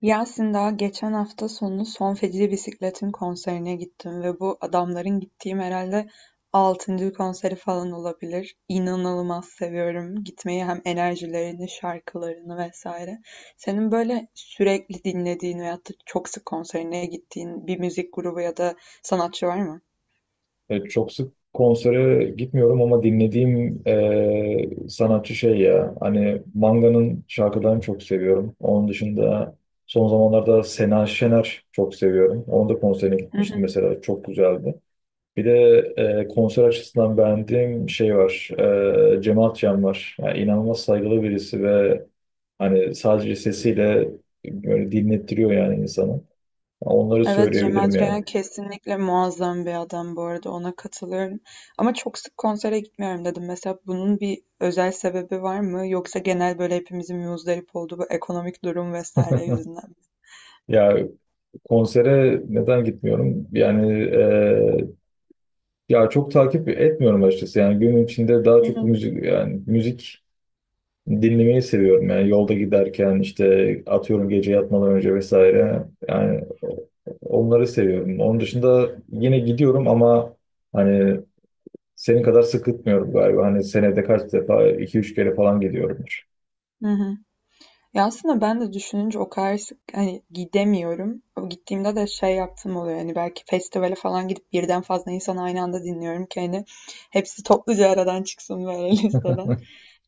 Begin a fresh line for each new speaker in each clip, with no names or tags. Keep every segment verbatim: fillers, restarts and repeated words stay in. Yasin daha geçen hafta sonu Son Feci Bisiklet'in konserine gittim ve bu adamların gittiğim herhalde altıncı konseri falan olabilir. İnanılmaz seviyorum gitmeyi, hem enerjilerini, şarkılarını vesaire. Senin böyle sürekli dinlediğin veyahut da çok sık konserine gittiğin bir müzik grubu ya da sanatçı var mı?
E, çok sık konsere gitmiyorum ama dinlediğim e, sanatçı şey ya hani Manga'nın şarkılarını çok seviyorum. Onun dışında son zamanlarda Sena Şener çok seviyorum. Onun da konserine gitmiştim mesela, çok güzeldi. Bir de e, konser açısından beğendiğim şey var. E, Cem Akçam var. Yani inanılmaz saygılı birisi ve hani sadece sesiyle böyle dinlettiriyor yani insanı. Onları
Evet, Cem
söyleyebilirim yani.
Adrian kesinlikle muazzam bir adam, bu arada ona katılıyorum. Ama çok sık konsere gitmiyorum dedim. Mesela bunun bir özel sebebi var mı? Yoksa genel böyle hepimizin muzdarip olduğu bu ekonomik durum vesaire yüzünden mi?
Ya, konsere neden gitmiyorum? Yani eee, ya çok takip etmiyorum açıkçası. Yani günün içinde daha
Hı
çok
hı.
müzik, yani müzik dinlemeyi seviyorum. Yani yolda giderken işte, atıyorum, gece yatmadan önce vesaire. Yani onları seviyorum. Onun dışında yine gidiyorum ama hani senin kadar sık gitmiyorum galiba. Hani senede kaç defa, iki üç kere falan gidiyorumdur.
Hı hı. Ya aslında ben de düşününce o kadar sık hani gidemiyorum. O gittiğimde de şey yaptım oluyor. Hani belki festivale falan gidip birden fazla insan aynı anda dinliyorum ki hani hepsi topluca aradan çıksın böyle listeden.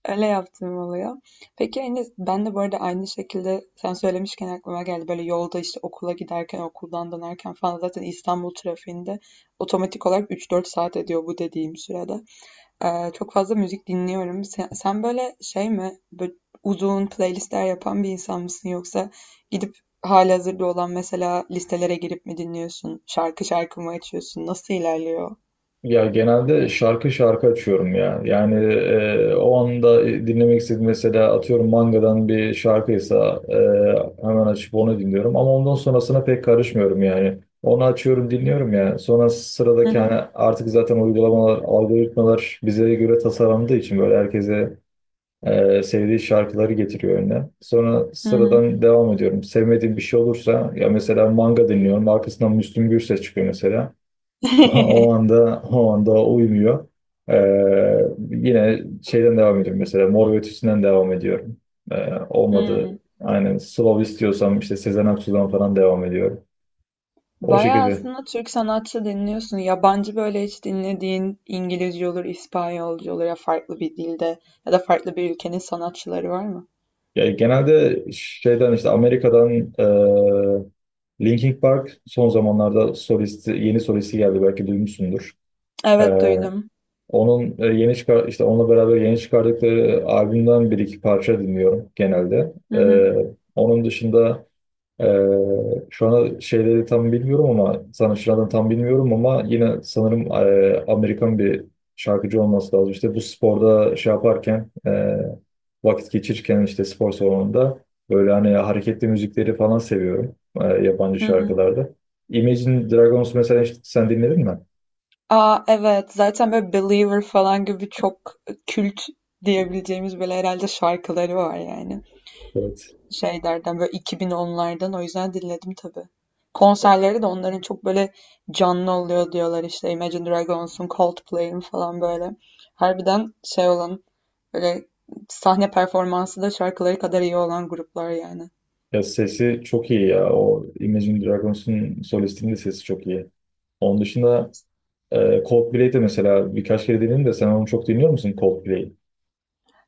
Öyle yaptığım oluyor. Peki, hani, ben de bu arada aynı şekilde sen söylemişken aklıma geldi. Böyle yolda işte okula giderken, okuldan dönerken falan zaten İstanbul trafiğinde otomatik olarak üç dört saat ediyor bu dediğim sürede. Ee, çok fazla müzik dinliyorum. Sen, sen böyle şey mi, böyle uzun playlistler yapan bir insan mısın, yoksa gidip halihazırda olan mesela listelere girip mi dinliyorsun? Şarkı şarkı mı açıyorsun? Nasıl ilerliyor?
Ya genelde şarkı şarkı açıyorum ya. Yani e, o anda dinlemek istediğim, mesela atıyorum mangadan bir şarkıysa, e, hemen açıp onu dinliyorum. Ama ondan sonrasına pek karışmıyorum yani. Onu açıyorum dinliyorum ya. Sonra
Hı
sıradaki, hani
hı.
artık zaten uygulamalar, algoritmalar bize göre tasarlandığı için böyle herkese e, sevdiği şarkıları getiriyor önüne. Sonra
Hı hı.
sıradan devam ediyorum. Sevmediğim bir şey olursa, ya mesela manga dinliyorum, arkasından Müslüm Gürses çıkıyor mesela. O anda o anda uymuyor. Ee, Yine şeyden devam ediyorum, mesela Mor ve Ötesi'nden devam ediyorum. Ee, olmadı.
Hmm.
Aynen, Slav istiyorsam işte Sezen Aksu'dan falan devam ediyorum. O
Bayağı
şekilde.
aslında Türk sanatçı dinliyorsun. Yabancı böyle hiç dinlediğin, İngilizce olur, İspanyolca olur, ya farklı bir dilde ya da farklı bir ülkenin sanatçıları var mı?
Yani genelde şeyden, işte Amerika'dan e, Linkin Park, son zamanlarda solisti, yeni solisti geldi, belki duymuşsundur.
Evet,
Ee,
duydum.
Onun e, yeni çıkar işte, onunla beraber yeni çıkardıkları albümden bir iki parça dinliyorum genelde.
Hı hı,
Ee, onun dışında Ee, şu an şeyleri tam bilmiyorum, ama sanatçılardan tam bilmiyorum ama yine sanırım e, Amerikan bir şarkıcı olması lazım. İşte bu sporda şey yaparken, e, vakit geçirirken işte, spor salonunda böyle hani hareketli müzikleri falan seviyorum, e, yabancı
hı hı.
şarkılarda. Imagine Dragons mesela, hiç sen dinledin mi?
Aa, evet, zaten böyle Believer falan gibi çok kült diyebileceğimiz böyle herhalde şarkıları var yani.
Evet.
Şeylerden böyle iki bin onlardan, o yüzden dinledim tabii. Konserleri de onların çok böyle canlı oluyor diyorlar, işte Imagine Dragons'un, Coldplay'in falan böyle. Harbiden şey olan böyle sahne performansı da şarkıları kadar iyi olan gruplar yani.
Ya sesi çok iyi ya. O Imagine Dragons'un solistinin de sesi çok iyi. Onun dışında Ee, Coldplay'de mesela birkaç kere dinledim de, sen onu çok dinliyor musun, Coldplay?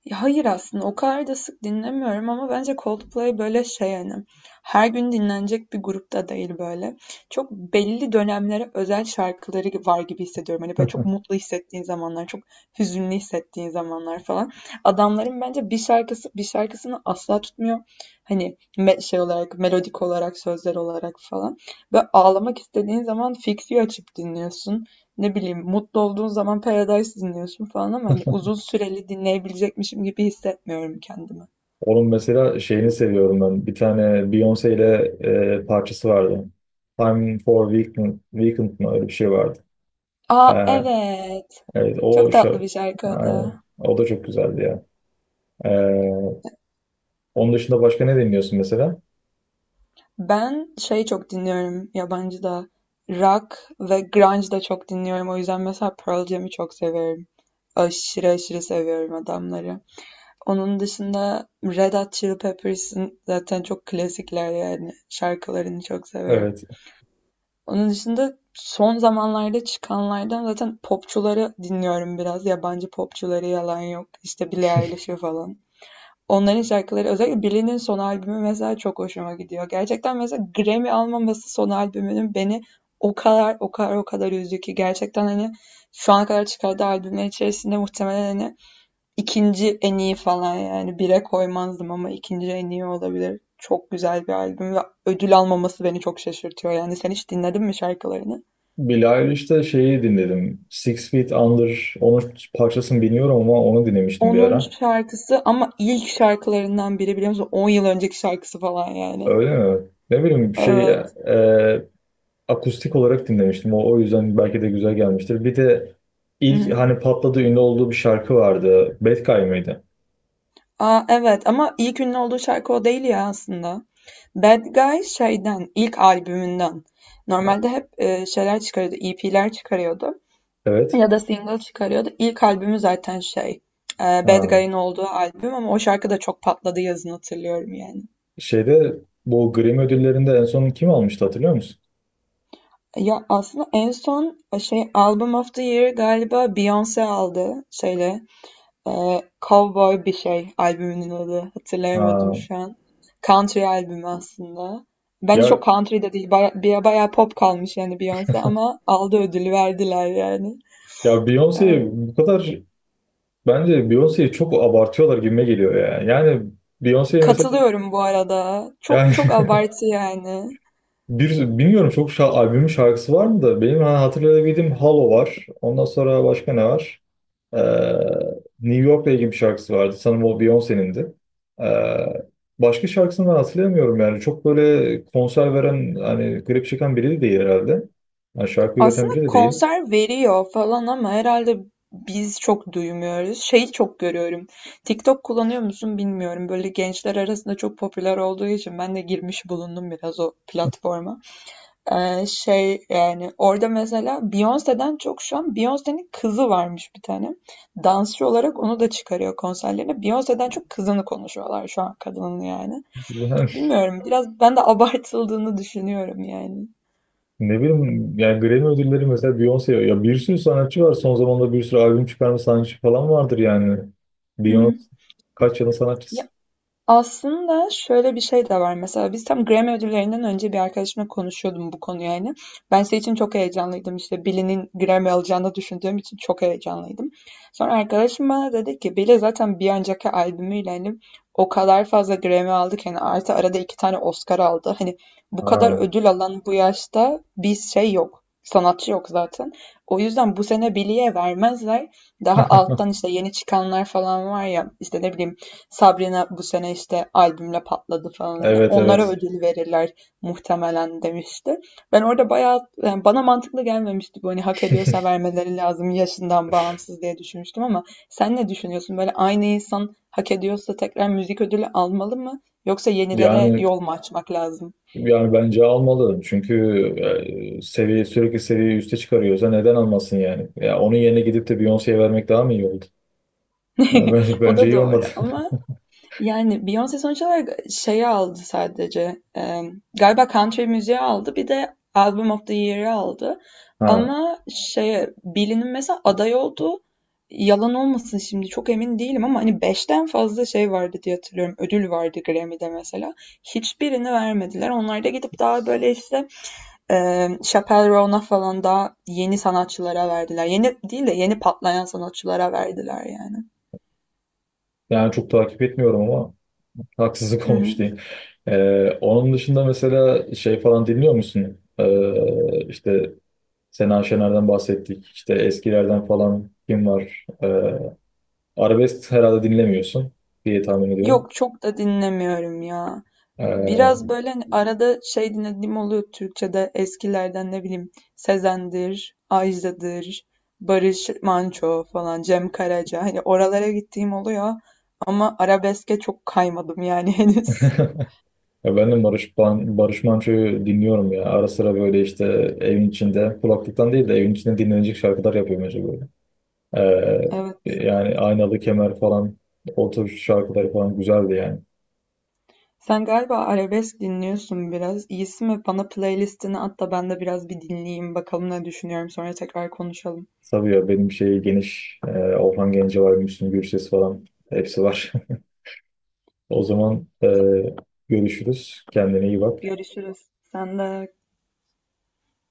Ya hayır, aslında o kadar da sık dinlemiyorum, ama bence Coldplay böyle şey yani, her gün dinlenecek bir grupta değil böyle. Çok belli dönemlere özel şarkıları var gibi hissediyorum. Hani böyle çok mutlu hissettiğin zamanlar, çok hüzünlü hissettiğin zamanlar falan. Adamların bence bir şarkısı bir şarkısını asla tutmuyor. Hani me- şey olarak, melodik olarak, sözler olarak falan. Ve ağlamak istediğin zaman Fix You açıp dinliyorsun. Ne bileyim, mutlu olduğun zaman Paradise dinliyorsun falan, ama hani uzun süreli dinleyebilecekmişim gibi hissetmiyorum kendimi.
Onun mesela şeyini seviyorum ben. Bir tane Beyoncé ile e, parçası vardı. Time for Weekend, Weekend mı, öyle bir şey vardı. Ee,
Aa, evet.
evet, o
Çok tatlı
şarkı.
bir şarkı o
Aynen.
da.
O da çok güzeldi ya. Ee, Onun dışında başka ne dinliyorsun mesela?
Ben şey çok dinliyorum yabancı da. Rock ve grunge da çok dinliyorum. O yüzden mesela Pearl Jam'i çok severim. Aşırı aşırı seviyorum adamları. Onun dışında Red Hot Chili Peppers'ın zaten çok klasikler yani. Şarkılarını çok severim.
Evet.
Onun dışında son zamanlarda çıkanlardan zaten popçuları dinliyorum biraz. Yabancı popçuları, yalan yok. İşte Billie Eilish'i falan. Onların şarkıları, özellikle Billie'nin son albümü mesela, çok hoşuma gidiyor. Gerçekten mesela Grammy almaması son albümünün beni o kadar o kadar o kadar üzdü ki, gerçekten hani şu ana kadar çıkardığı albümler içerisinde muhtemelen hani ikinci en iyi falan, yani bire koymazdım ama ikinci en iyi olabilir. Çok güzel bir albüm ve ödül almaması beni çok şaşırtıyor. Yani sen hiç dinledin mi şarkılarını?
Billie Eilish'te şeyi dinledim, Six Feet Under. Onun parçasını bilmiyorum ama onu dinlemiştim bir
Onun
ara.
şarkısı ama ilk şarkılarından biri, biliyor musun? On yıl önceki şarkısı falan yani.
Öyle mi? Ne bileyim şey, e,
Evet.
e, akustik olarak dinlemiştim. O, o yüzden belki de güzel gelmiştir. Bir de
Hı
ilk
hı.
hani patladı, ünlü olduğu bir şarkı vardı, Bad Guy mıydı?
Aa, evet, ama ilk ünlü olduğu şarkı o değil ya aslında. Bad Guy şeyden, ilk albümünden. Normalde hep e, şeyler çıkarıyordu, E P'ler çıkarıyordu.
Evet.
Ya da single çıkarıyordu. İlk albümü zaten şey, e, Bad
Ha.
Guy'ın olduğu albüm, ama o şarkı da çok patladı yazın, hatırlıyorum yani.
Şeyde, bu Grammy ödüllerinde en son kim almıştı, hatırlıyor musun?
Ya aslında en son e, şey Album of the Year galiba Beyoncé aldı şeyle. Eee, Cowboy bir şey albümünün adı. Hatırlayamadım
Ha.
şu an. Country albümü aslında. Bence
Ya,
çok country de değil. Baya, bir- bayağı pop kalmış yani Beyoncé, ama aldı, ödülü verdiler yani.
ya
Eee,
Beyoncé bu kadar, bence Beyoncé'yi çok abartıyorlar gibime geliyor ya. Yani Beyoncé mesela,
Katılıyorum bu arada. Çok
yani
çok abartı yani.
bir, bilmiyorum çok şa albümün şarkısı var mı da, benim ha- hatırlayabildiğim Hollow var. Ondan sonra başka ne var? Ee, New York'la ilgili bir şarkısı vardı, sanırım o Beyoncé'nindi. Ee, Başka şarkısını ben hatırlayamıyorum yani. Çok böyle konser veren, hani klip çeken biri de değil herhalde. Yani şarkı üreten
Aslında
biri de değil.
konser veriyor falan ama herhalde biz çok duymuyoruz. Şeyi çok görüyorum. TikTok kullanıyor musun bilmiyorum. Böyle gençler arasında çok popüler olduğu için ben de girmiş bulundum biraz o platforma. Eee, şey yani orada mesela Beyoncé'den çok, şu an Beyoncé'nin kızı varmış bir tane. Dansçı olarak onu da çıkarıyor konserlerine. Beyoncé'den çok kızını konuşuyorlar şu an kadının yani.
Yani
Bilmiyorum, biraz ben de abartıldığını düşünüyorum yani.
ne bileyim, yani Grammy ödülleri mesela, Beyoncé ya, bir sürü sanatçı var. Son zamanlarda bir sürü albüm çıkarma sanatçı falan vardır yani.
Hı
Beyoncé
hı.
kaç yılın sanatçısı.
Aslında şöyle bir şey de var. Mesela biz tam Grammy ödüllerinden önce bir arkadaşımla konuşuyordum bu konuyu yani. Ben şey için çok heyecanlıydım. İşte Billie'nin Grammy alacağını düşündüğüm için çok heyecanlıydım. Sonra arkadaşım bana dedi ki Billie zaten bir önceki albümüyle hani o kadar fazla Grammy aldı ki, hani artı arada iki tane Oscar aldı. Hani bu kadar
Ha.
ödül alan bu yaşta bir şey yok. Sanatçı yok zaten. O yüzden bu sene Billie'ye vermezler. Daha alttan işte yeni çıkanlar falan var ya, işte ne bileyim Sabrina bu sene işte albümle patladı falan, hani
Evet,
onlara
evet.
ödül verirler muhtemelen, demişti. Ben orada bayağı, yani bana mantıklı gelmemişti bu, hani hak ediyorsa vermeleri lazım yaşından bağımsız diye düşünmüştüm, ama sen ne düşünüyorsun? Böyle aynı insan hak ediyorsa tekrar müzik ödülü almalı mı yoksa yenilere
Yani
yol mu açmak lazım?
yani bence almalı. Çünkü e, seviye sürekli, seviyeyi üste çıkarıyorsa neden almasın yani? Ya onun yerine gidip de Beyoncé'ye vermek daha mı iyi oldu? Yani ben-
O
bence
da
iyi
doğru
olmadı.
ama. Yani Beyoncé sonuç olarak şeyi aldı sadece. Eee, galiba country müziği aldı. Bir de Album of the Year'ı aldı.
Ha.
Ama şeye Billie'nin mesela aday olduğu, yalan olmasın şimdi çok emin değilim, ama hani beşten fazla şey vardı diye hatırlıyorum. Ödül vardı Grammy'de mesela. Hiçbirini vermediler. Onlar da gidip daha böyle işte eee Chappell Roan'a falan, daha yeni sanatçılara verdiler. Yeni değil de yeni patlayan sanatçılara verdiler yani.
Yani çok takip etmiyorum ama haksızlık
Hı
olmuş
hı.
değil. E, onun dışında mesela şey falan dinliyor musun? E, işte Sena Şener'den bahsettik. İşte eskilerden falan kim var? E, arabesk herhalde dinlemiyorsun diye tahmin ediyorum.
Yok, çok da dinlemiyorum ya. Biraz
E.
böyle hani arada şey dinlediğim oluyor Türkçe'de, eskilerden, ne bileyim, Sezen'dir, Ajda'dır, Barış Manço falan, Cem Karaca. Hani oralara gittiğim oluyor ama arabeske çok kaymadım yani henüz.
Ya ben de Barış, Ban- Barış Manço'yu dinliyorum ya. Ara sıra böyle işte evin içinde, kulaklıktan değil de evin içinde dinlenecek şarkılar yapıyorum acaba böyle. Ee,
Evet.
Yani Aynalı Kemer falan, o tür şarkılar falan güzeldi yani.
Sen galiba arabesk dinliyorsun biraz. İyisi mi? Bana playlistini at da ben de biraz bir dinleyeyim. Bakalım ne düşünüyorum. Sonra tekrar konuşalım.
Tabii ya, benim şey geniş, e, Orhan Gencebay, Müslüm Gürses falan hepsi var. O zaman e,
O zaman
görüşürüz. Kendine iyi bak.
görüşürüz. Sen de